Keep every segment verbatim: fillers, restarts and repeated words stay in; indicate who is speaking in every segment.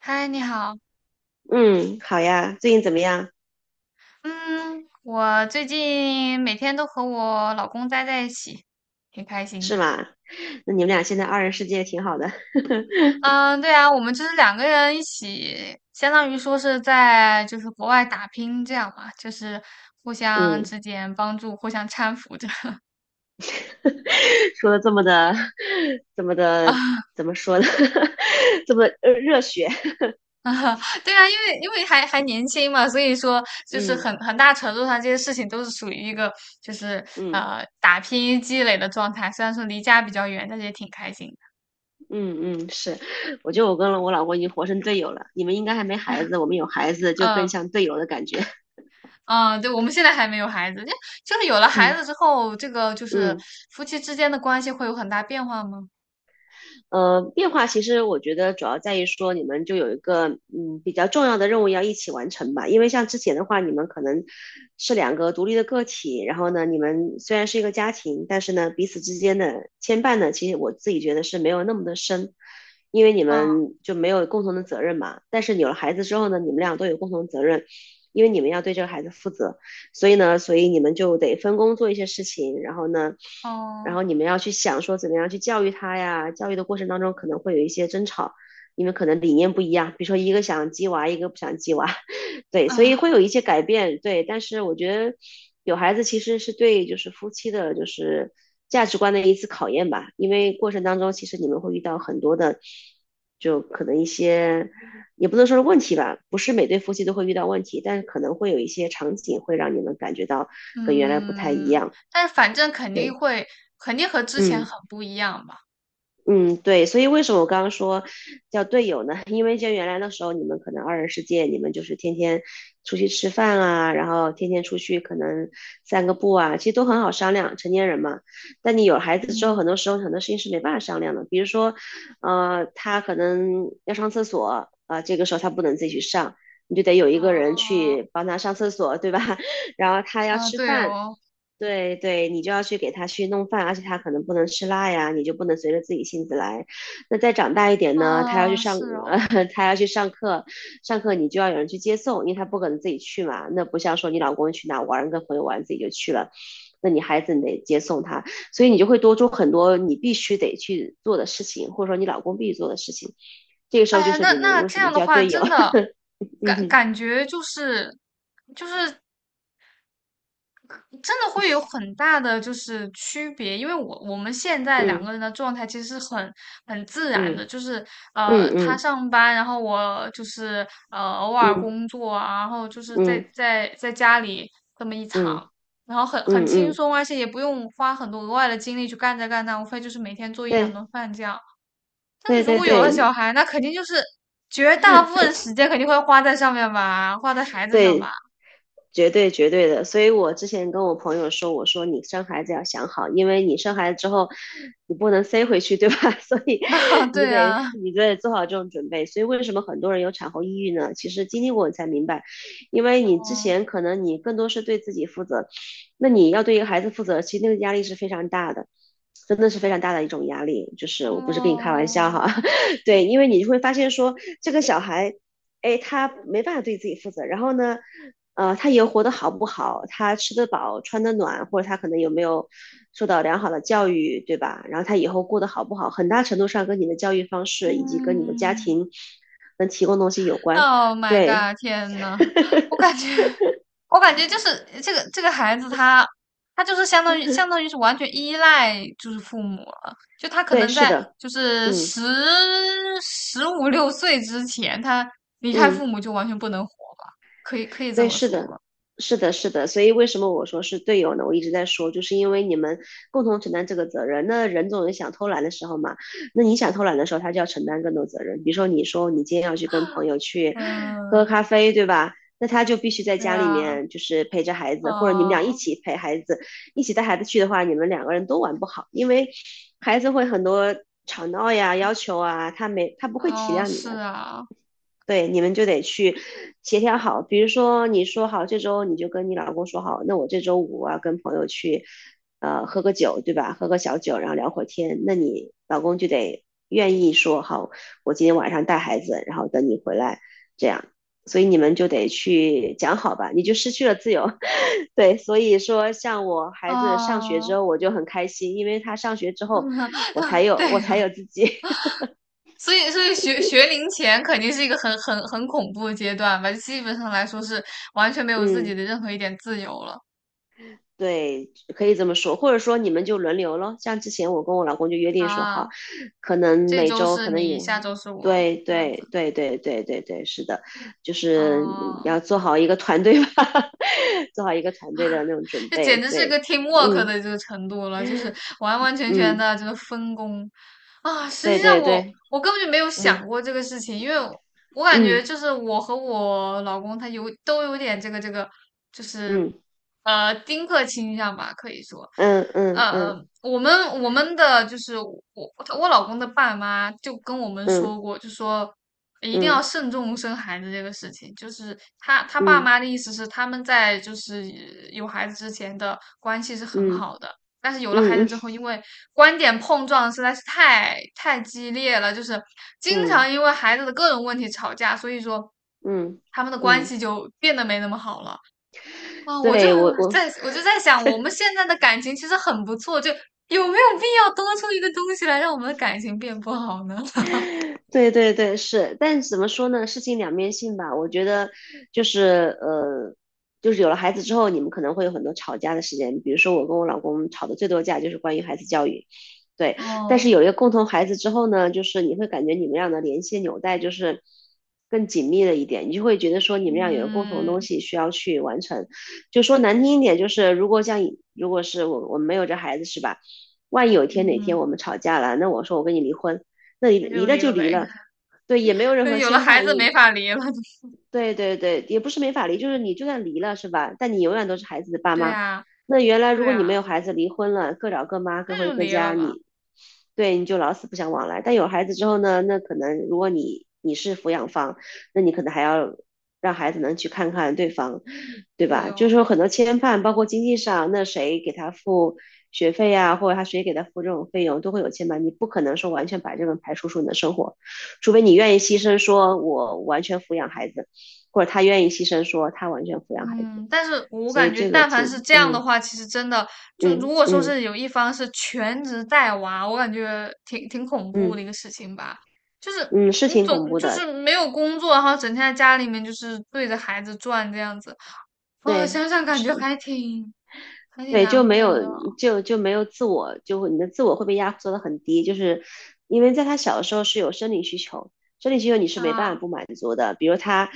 Speaker 1: 嗨，你好。
Speaker 2: 嗯，好呀，最近怎么样？
Speaker 1: 嗯，我最近每天都和我老公待在一起，挺开心
Speaker 2: 是
Speaker 1: 的。
Speaker 2: 吗？那你们俩现在二人世界挺好的。
Speaker 1: 嗯，对啊，我们就是两个人一起，相当于说是在就是国外打拼这样嘛，就是互相
Speaker 2: 嗯，
Speaker 1: 之间帮助，互相搀扶着
Speaker 2: 说的这么的，这么 的，
Speaker 1: 啊
Speaker 2: 怎么说呢？这么呃热血。
Speaker 1: 啊。对啊，因为因为还还年轻嘛，所以说就是
Speaker 2: 嗯
Speaker 1: 很很大程度上这些事情都是属于一个就是
Speaker 2: 嗯
Speaker 1: 呃打拼积累的状态。虽然说离家比较远，但是也挺开心
Speaker 2: 嗯嗯，是。我觉得我跟我老公已经活成队友了。你们应该还没
Speaker 1: 的。
Speaker 2: 孩 子，我们有孩子就更
Speaker 1: 嗯
Speaker 2: 像队友的感觉。
Speaker 1: 啊，对，我们现在还没有孩子，就就是有了孩
Speaker 2: 嗯
Speaker 1: 子之后，这个就是
Speaker 2: 嗯。
Speaker 1: 夫妻之间的关系会有很大变化吗？
Speaker 2: 呃，变化其实我觉得主要在于说你们就有一个嗯比较重要的任务要一起完成吧，因为像之前的话，你们可能是两个独立的个体，然后呢，你们虽然是一个家庭，但是呢，彼此之间的牵绊呢，其实我自己觉得是没有那么的深，因为你
Speaker 1: 啊，
Speaker 2: 们就没有共同的责任嘛。但是有了孩子之后呢，你们俩都有共同责任，因为你们要对这个孩子负责。所以呢，所以你们就得分工做一些事情，然后呢，然
Speaker 1: 哦，
Speaker 2: 后你们要去想说怎么样去教育他呀。教育的过程当中可能会有一些争吵，你们可能理念不一样，比如说一个想鸡娃，一个不想鸡娃，对，所以会
Speaker 1: 啊，
Speaker 2: 有一些改变，对。但是我觉得有孩子其实是对就是夫妻的就是价值观的一次考验吧，因为过程当中其实你们会遇到很多的，就可能一些。也不能说是问题吧，不是每对夫妻都会遇到问题，但是可能会有一些场景会让你们感觉到跟原来不太一
Speaker 1: 嗯，
Speaker 2: 样。
Speaker 1: 但是反正肯定
Speaker 2: 对，
Speaker 1: 会，肯定和之前
Speaker 2: 嗯。
Speaker 1: 很不一样吧。
Speaker 2: 嗯，对，所以为什么我刚刚说叫队友呢？因为像原来的时候，你们可能二人世界，你们就是天天出去吃饭啊，然后天天出去可能散个步啊，其实都很好商量，成年人嘛。但你有孩子之后，
Speaker 1: 嗯，
Speaker 2: 很多时候很多事情是没办法商量的，比如说，呃，他可能要上厕所啊，这个时候他不能自己去上，你就得有一个人
Speaker 1: 啊
Speaker 2: 去帮他上厕所，对吧？然后他要
Speaker 1: 啊，
Speaker 2: 吃
Speaker 1: 对
Speaker 2: 饭。
Speaker 1: 哦，
Speaker 2: 对对，你就要去给他去弄饭，而且他可能不能吃辣呀，你就不能随着自己性子来。那再长大一点呢，他要去
Speaker 1: 啊，
Speaker 2: 上，
Speaker 1: 是 哦，
Speaker 2: 呃，他要去上课，上课你就要有人去接送，因为他不可能自己去嘛。那不像说你老公去哪玩，跟朋友玩自己就去了，那你孩子你得接送他，所以你就会多出很多你必须得去做的事情，或者说你老公必须做的事情。这个时
Speaker 1: 哎
Speaker 2: 候就
Speaker 1: 呀，
Speaker 2: 是
Speaker 1: 那
Speaker 2: 你们
Speaker 1: 那
Speaker 2: 为
Speaker 1: 这
Speaker 2: 什么
Speaker 1: 样的
Speaker 2: 叫
Speaker 1: 话，
Speaker 2: 队友？
Speaker 1: 真的
Speaker 2: 嗯
Speaker 1: 感
Speaker 2: 哼
Speaker 1: 感觉就是就是真的会有很大的就是区别，因为我我们现在两
Speaker 2: 嗯
Speaker 1: 个人的状态其实是很很自然
Speaker 2: 嗯
Speaker 1: 的，就是呃他
Speaker 2: 嗯
Speaker 1: 上班，然后我就是呃偶
Speaker 2: 嗯
Speaker 1: 尔
Speaker 2: 嗯
Speaker 1: 工作啊，然后就是在
Speaker 2: 嗯
Speaker 1: 在在家里这么一
Speaker 2: 嗯
Speaker 1: 场，然后很很
Speaker 2: 嗯
Speaker 1: 轻
Speaker 2: 嗯，
Speaker 1: 松，而且也不用花很多额外的精力去干这干那，无非就是每天做一两
Speaker 2: 对。
Speaker 1: 顿饭这样。但是
Speaker 2: 对
Speaker 1: 如
Speaker 2: 对
Speaker 1: 果有了
Speaker 2: 对
Speaker 1: 小孩，那肯定就是绝大部分时间肯定会花在上面吧，花在孩子上吧。
Speaker 2: 对，绝对绝对的，所以我之前跟我朋友说，我说你生孩子要想好，因为你生孩子之后，你不能塞回去，对吧？所以
Speaker 1: 啊，
Speaker 2: 你就
Speaker 1: 对
Speaker 2: 得
Speaker 1: 呀，
Speaker 2: 你就得做好这种准备。所以为什么很多人有产后抑郁呢？其实经历过你才明白，因为你之 前可能你更多是对自己负责，那你要对一个孩子负责，其实那个压力是非常大的。真的是非常大的一种压力，就是我不是跟你开玩笑
Speaker 1: 哦。
Speaker 2: 哈，对，因为你就会发现说这个小孩，哎，他没办法对自己负责，然后呢，呃，他以后活得好不好，他吃得饱、穿得暖，或者他可能有没有受到良好的教育，对吧？然后他以后过得好不好，很大程度上跟你的教育方式以及跟你的家
Speaker 1: 嗯
Speaker 2: 庭能提供东西有关。
Speaker 1: ，Oh my
Speaker 2: 对，
Speaker 1: god!天呐，我感觉，我感觉就是这个这个孩子他，他就是相当于相当于是完全依赖就是父母了。就他可
Speaker 2: 对，
Speaker 1: 能
Speaker 2: 是
Speaker 1: 在
Speaker 2: 的，
Speaker 1: 就是
Speaker 2: 嗯
Speaker 1: 十十五六岁之前，他离开父
Speaker 2: 嗯。
Speaker 1: 母就完全不能活吧？可以可以这
Speaker 2: 对，
Speaker 1: 么
Speaker 2: 是
Speaker 1: 说
Speaker 2: 的，
Speaker 1: 吧？
Speaker 2: 是的，是的。所以为什么我说是队友呢？我一直在说，就是因为你们共同承担这个责任。那人总有想偷懒的时候嘛，那你想偷懒的时候，他就要承担更多责任。比如说，你说你今天要去跟朋友去喝喝
Speaker 1: 嗯，
Speaker 2: 咖啡，对吧？那他就必须在
Speaker 1: 对
Speaker 2: 家里
Speaker 1: 啊，
Speaker 2: 面就是陪着孩子，或者你们俩一
Speaker 1: 啊，
Speaker 2: 起陪孩子，一起带孩子去的话，你们两个人都玩不好，因为孩子会很多吵闹呀、要求啊，他没他不会体
Speaker 1: 嗯，
Speaker 2: 谅你
Speaker 1: 是
Speaker 2: 的。
Speaker 1: 啊，
Speaker 2: 对，你们就得去协调好。比如说，你说好这周你就跟你老公说好，那我这周五啊跟朋友去，呃，喝个酒，对吧？喝个小酒，然后聊会儿天。那你老公就得愿意说好，我今天晚上带孩子，然后等你回来，这样。所以你们就得去讲好吧，你就失去了自由。对，所以说像我孩子上学之
Speaker 1: 啊，
Speaker 2: 后，我就很开心，因为他上学之后，我才
Speaker 1: 对，
Speaker 2: 有我才有自己。
Speaker 1: 所以，所以学学龄前肯定是一个很很很恐怖的阶段吧，基本上来说是完全没 有自己
Speaker 2: 嗯，
Speaker 1: 的任何一点自由了
Speaker 2: 对，可以这么说，或者说你们就轮流咯。像之前我跟我老公就约定说好，
Speaker 1: 啊。
Speaker 2: 可能
Speaker 1: 这
Speaker 2: 每
Speaker 1: 周
Speaker 2: 周
Speaker 1: 是
Speaker 2: 可能
Speaker 1: 你，下
Speaker 2: 有，
Speaker 1: 周是我，
Speaker 2: 对
Speaker 1: 这样
Speaker 2: 对
Speaker 1: 子，
Speaker 2: 对对对对对，是的，就是你
Speaker 1: 哦，
Speaker 2: 要做好一个团队吧，做好一个团队的 那种准
Speaker 1: 这简
Speaker 2: 备。
Speaker 1: 直是个
Speaker 2: 对，
Speaker 1: teamwork
Speaker 2: 嗯
Speaker 1: 的这个程度了，就是完完全全
Speaker 2: 嗯，
Speaker 1: 的这个分工。啊，实
Speaker 2: 对
Speaker 1: 际上
Speaker 2: 对
Speaker 1: 我
Speaker 2: 对，
Speaker 1: 我根本就没有
Speaker 2: 嗯
Speaker 1: 想过这个事情，因为我我感觉
Speaker 2: 嗯
Speaker 1: 就是我和我老公他有都有点这个这个，就是
Speaker 2: 嗯
Speaker 1: 呃丁克倾向吧，可以说，
Speaker 2: 嗯嗯
Speaker 1: 呃，
Speaker 2: 嗯
Speaker 1: 我们我们的就是我我老公的爸妈就跟我们
Speaker 2: 嗯
Speaker 1: 说过，就说一定
Speaker 2: 嗯
Speaker 1: 要慎重生孩子这个事情，就是他他爸
Speaker 2: 嗯
Speaker 1: 妈的意思是他们在就是有孩子之前的关系是很
Speaker 2: 嗯
Speaker 1: 好的。但是有了孩子
Speaker 2: 嗯
Speaker 1: 之后，因为观点碰撞实在是太太激烈了，就是经
Speaker 2: 嗯嗯
Speaker 1: 常因为孩子的各种问题吵架，所以说
Speaker 2: 嗯
Speaker 1: 他们的关
Speaker 2: 嗯，
Speaker 1: 系就变得没那么好了。啊，我就
Speaker 2: 对我我
Speaker 1: 在我就在想，我们现在的感情其实很不错，就有没有必要多出一个东西来让我们的感情变不好呢？
Speaker 2: 对对对，是，但怎么说呢？事情两面性吧。我觉得就是呃，就是有了孩子之后，你们可能会有很多吵架的时间。比如说，我跟我老公吵的最多架就是关于孩子教育，对。但是
Speaker 1: 哦，
Speaker 2: 有一个共同孩子之后呢，就是你会感觉你们俩的联系纽带就是更紧密了一点，你就会觉得说你们俩有个共同的东
Speaker 1: 嗯
Speaker 2: 西需要去完成。就说难听一点，就是如果像以如果是我我们没有这孩子是吧？万一有一天哪
Speaker 1: 嗯，
Speaker 2: 天我们吵架了，那我说我跟你离婚，那离
Speaker 1: 那就
Speaker 2: 离了
Speaker 1: 离
Speaker 2: 就
Speaker 1: 了
Speaker 2: 离
Speaker 1: 呗。
Speaker 2: 了，对，也没有 任
Speaker 1: 可是
Speaker 2: 何
Speaker 1: 有了
Speaker 2: 牵
Speaker 1: 孩
Speaker 2: 绊，
Speaker 1: 子
Speaker 2: 也
Speaker 1: 没法离了。
Speaker 2: 对对对，也不是没法离，就是你就算离了是吧？但你永远都是孩子的爸
Speaker 1: 对
Speaker 2: 妈。
Speaker 1: 啊，
Speaker 2: 那原来如
Speaker 1: 对
Speaker 2: 果你
Speaker 1: 啊，
Speaker 2: 没有孩子，离婚了，各找各妈，各
Speaker 1: 那就
Speaker 2: 回各
Speaker 1: 离了
Speaker 2: 家，
Speaker 1: 吧。
Speaker 2: 你对你就老死不相往来。但有孩子之后呢，那可能如果你你是抚养方，那你可能还要让孩子能去看看对方，对
Speaker 1: 对
Speaker 2: 吧？就是说
Speaker 1: 哦。
Speaker 2: 很多牵绊，包括经济上，那谁给他付学费呀、或者他谁给他付这种费用，都会有牵绊。你不可能说完全把这个排除出你的生活，除非你愿意牺牲，说我完全抚养孩子，或者他愿意牺牲，说他完全抚养孩
Speaker 1: 嗯，
Speaker 2: 子。
Speaker 1: 但是我
Speaker 2: 所以
Speaker 1: 感觉，
Speaker 2: 这个
Speaker 1: 但凡是
Speaker 2: 挺，
Speaker 1: 这样的
Speaker 2: 嗯
Speaker 1: 话，其实真的就如
Speaker 2: 嗯
Speaker 1: 果说
Speaker 2: 嗯
Speaker 1: 是有一方是全职带娃，我感觉挺挺恐怖的一
Speaker 2: 嗯
Speaker 1: 个事情吧。就是
Speaker 2: 嗯，是
Speaker 1: 你
Speaker 2: 挺恐
Speaker 1: 总
Speaker 2: 怖
Speaker 1: 就
Speaker 2: 的，
Speaker 1: 是没有工作，然后整天在家里面就是对着孩子转这样子，啊、
Speaker 2: 对，
Speaker 1: 想想感觉
Speaker 2: 是
Speaker 1: 还挺还挺
Speaker 2: 对，就
Speaker 1: 难
Speaker 2: 没有
Speaker 1: 过的
Speaker 2: 就就没有自我，就会你的自我会被压缩的很低，就是因为在他小的时候是有生理需求，生理需求你是没办法
Speaker 1: 啊。
Speaker 2: 不满足的，比如他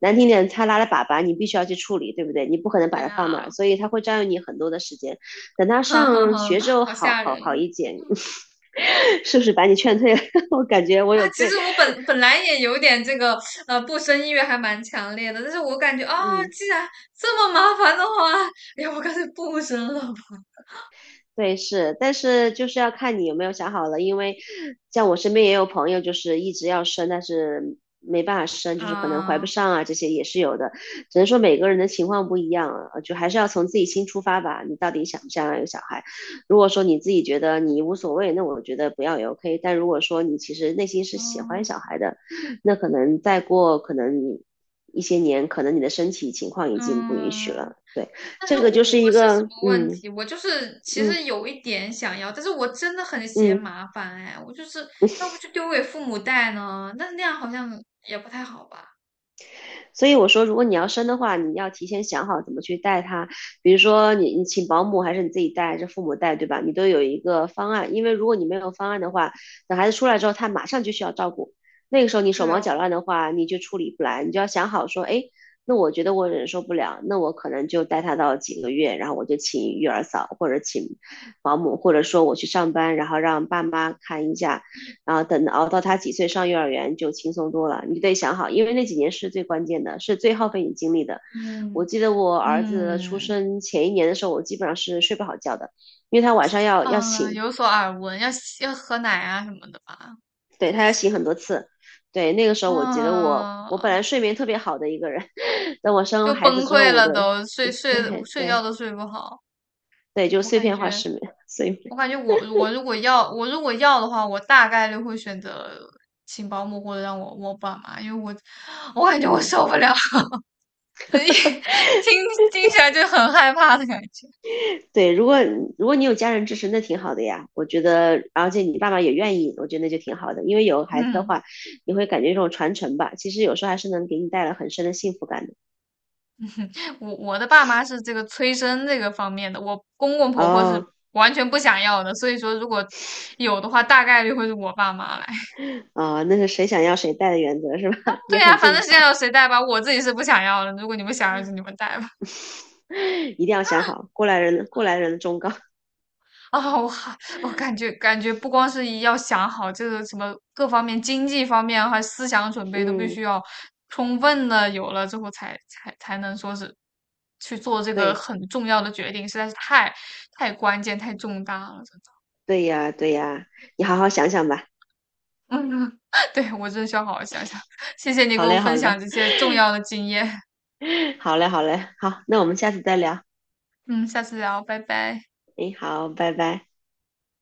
Speaker 2: 难听点，他拉了粑粑，你必须要去处理，对不对？你不可能把
Speaker 1: 对
Speaker 2: 它放那儿，
Speaker 1: 啊，
Speaker 2: 所以他会占用你很多的时间。等 他
Speaker 1: 哼哼
Speaker 2: 上
Speaker 1: 哼，
Speaker 2: 学之后
Speaker 1: 好
Speaker 2: 好，
Speaker 1: 吓
Speaker 2: 好好
Speaker 1: 人。
Speaker 2: 一点，是不是把你劝退了？我感觉我
Speaker 1: 啊，
Speaker 2: 有
Speaker 1: 其
Speaker 2: 罪，
Speaker 1: 实我本本来也有点这个呃不生意愿还蛮强烈的，但是我感觉啊，
Speaker 2: 嗯。
Speaker 1: 既然这么麻烦的话，要不干脆不生了吧？
Speaker 2: 对，是，但是就是要看你有没有想好了，因为像我身边也有朋友，就是一直要生，但是没办法生，就是可能怀不
Speaker 1: 啊，
Speaker 2: 上啊，这些也是有的。只能说每个人的情况不一样啊，就还是要从自己心出发吧。你到底想不想要有小孩？如果说你自己觉得你无所谓，那我觉得不要也 OK。但如果说你其实内心是喜欢
Speaker 1: 嗯
Speaker 2: 小孩的，那可能再过可能一些年，可能你的身体情况已经不允许
Speaker 1: 嗯，
Speaker 2: 了。对，
Speaker 1: 但是
Speaker 2: 这个
Speaker 1: 我
Speaker 2: 就是
Speaker 1: 我
Speaker 2: 一
Speaker 1: 是什
Speaker 2: 个，
Speaker 1: 么问
Speaker 2: 嗯
Speaker 1: 题？我就是其
Speaker 2: 嗯
Speaker 1: 实有一点想要，但是我真的很嫌
Speaker 2: 嗯。
Speaker 1: 麻烦哎，我就是要不就丢给父母带呢，那那样好像也不太好吧？
Speaker 2: 所以我说，如果你要生的话，你要提前想好怎么去带他，比如说你你请保姆还是你自己带，还是父母带，对吧？你都有一个方案，因为如果你没有方案的话，等孩子出来之后，他马上就需要照顾，那个时候你手
Speaker 1: 对
Speaker 2: 忙脚
Speaker 1: 哦，
Speaker 2: 乱的话，你就处理不来，你就要想好说，哎。那我觉得我忍受不了，那我可能就带他到几个月，然后我就请育儿嫂或者请保姆，或者说我去上班，然后让爸妈看一下，然后等熬到他几岁上幼儿园就轻松多了。你得想好，因为那几年是最关键的，是最耗费你精力的。我
Speaker 1: 嗯
Speaker 2: 记得我儿子出
Speaker 1: 嗯
Speaker 2: 生前一年的时候，我基本上是睡不好觉的，因为他晚上要要
Speaker 1: 嗯，
Speaker 2: 醒，
Speaker 1: 有所耳闻，要要喝奶啊什么的吧？
Speaker 2: 对
Speaker 1: 就
Speaker 2: 他要
Speaker 1: 其
Speaker 2: 醒很多次。对，那个时候我觉得我我本
Speaker 1: 啊，
Speaker 2: 来睡眠特别好的一个人，等我生了
Speaker 1: 就
Speaker 2: 孩子
Speaker 1: 崩
Speaker 2: 之后，
Speaker 1: 溃
Speaker 2: 我
Speaker 1: 了
Speaker 2: 的
Speaker 1: 都，睡睡
Speaker 2: 对
Speaker 1: 睡觉
Speaker 2: 对
Speaker 1: 都睡不好。
Speaker 2: 对，就
Speaker 1: 我
Speaker 2: 碎
Speaker 1: 感
Speaker 2: 片化
Speaker 1: 觉，
Speaker 2: 失眠，睡
Speaker 1: 我
Speaker 2: 眠，
Speaker 1: 感觉我我如果要我如果要的话，我大概率会选择请保姆或者让我我爸妈，因为我我感觉我
Speaker 2: 嗯。
Speaker 1: 受不了，听听起来就很害怕的感觉。
Speaker 2: 对，如果如果你有家人支持，那挺好的呀。我觉得，而且你爸爸也愿意，我觉得那就挺好的。因为有孩子的
Speaker 1: 嗯，
Speaker 2: 话，你会感觉这种传承吧，其实有时候还是能给你带来很深的幸福感的。
Speaker 1: 我我的爸妈是这个催生这个方面的，我公公婆婆是
Speaker 2: 哦，
Speaker 1: 完全不想要的，所以说如果有的话，大概率会是我爸妈来。
Speaker 2: 哦，那是谁想要谁带的原则是吧？
Speaker 1: 对
Speaker 2: 也
Speaker 1: 呀、啊
Speaker 2: 很
Speaker 1: 反
Speaker 2: 正
Speaker 1: 正现在
Speaker 2: 常，
Speaker 1: 有谁带吧，我自己是不想要了。如果你们想要，就你们带吧。
Speaker 2: 一定要想好，过来人，过来人的忠告。
Speaker 1: 啊，我还我感觉感觉不光是要想好这个什么各方面、经济方面还思想准 备都必
Speaker 2: 嗯，
Speaker 1: 须要充分的有了之后才，才才才能说是去做这个
Speaker 2: 对，
Speaker 1: 很重要的决定，实在是太太关键、太重大了，真的
Speaker 2: 对呀，对呀，你好好想想吧。
Speaker 1: 嗯，对，我真的需要好好想想。谢谢你给
Speaker 2: 好
Speaker 1: 我
Speaker 2: 嘞，好
Speaker 1: 分享
Speaker 2: 嘞，
Speaker 1: 这些重要的经验。
Speaker 2: 好嘞，好嘞，好，那我们下次再聊。
Speaker 1: 嗯，下次聊，拜拜。
Speaker 2: 哎，好，拜拜。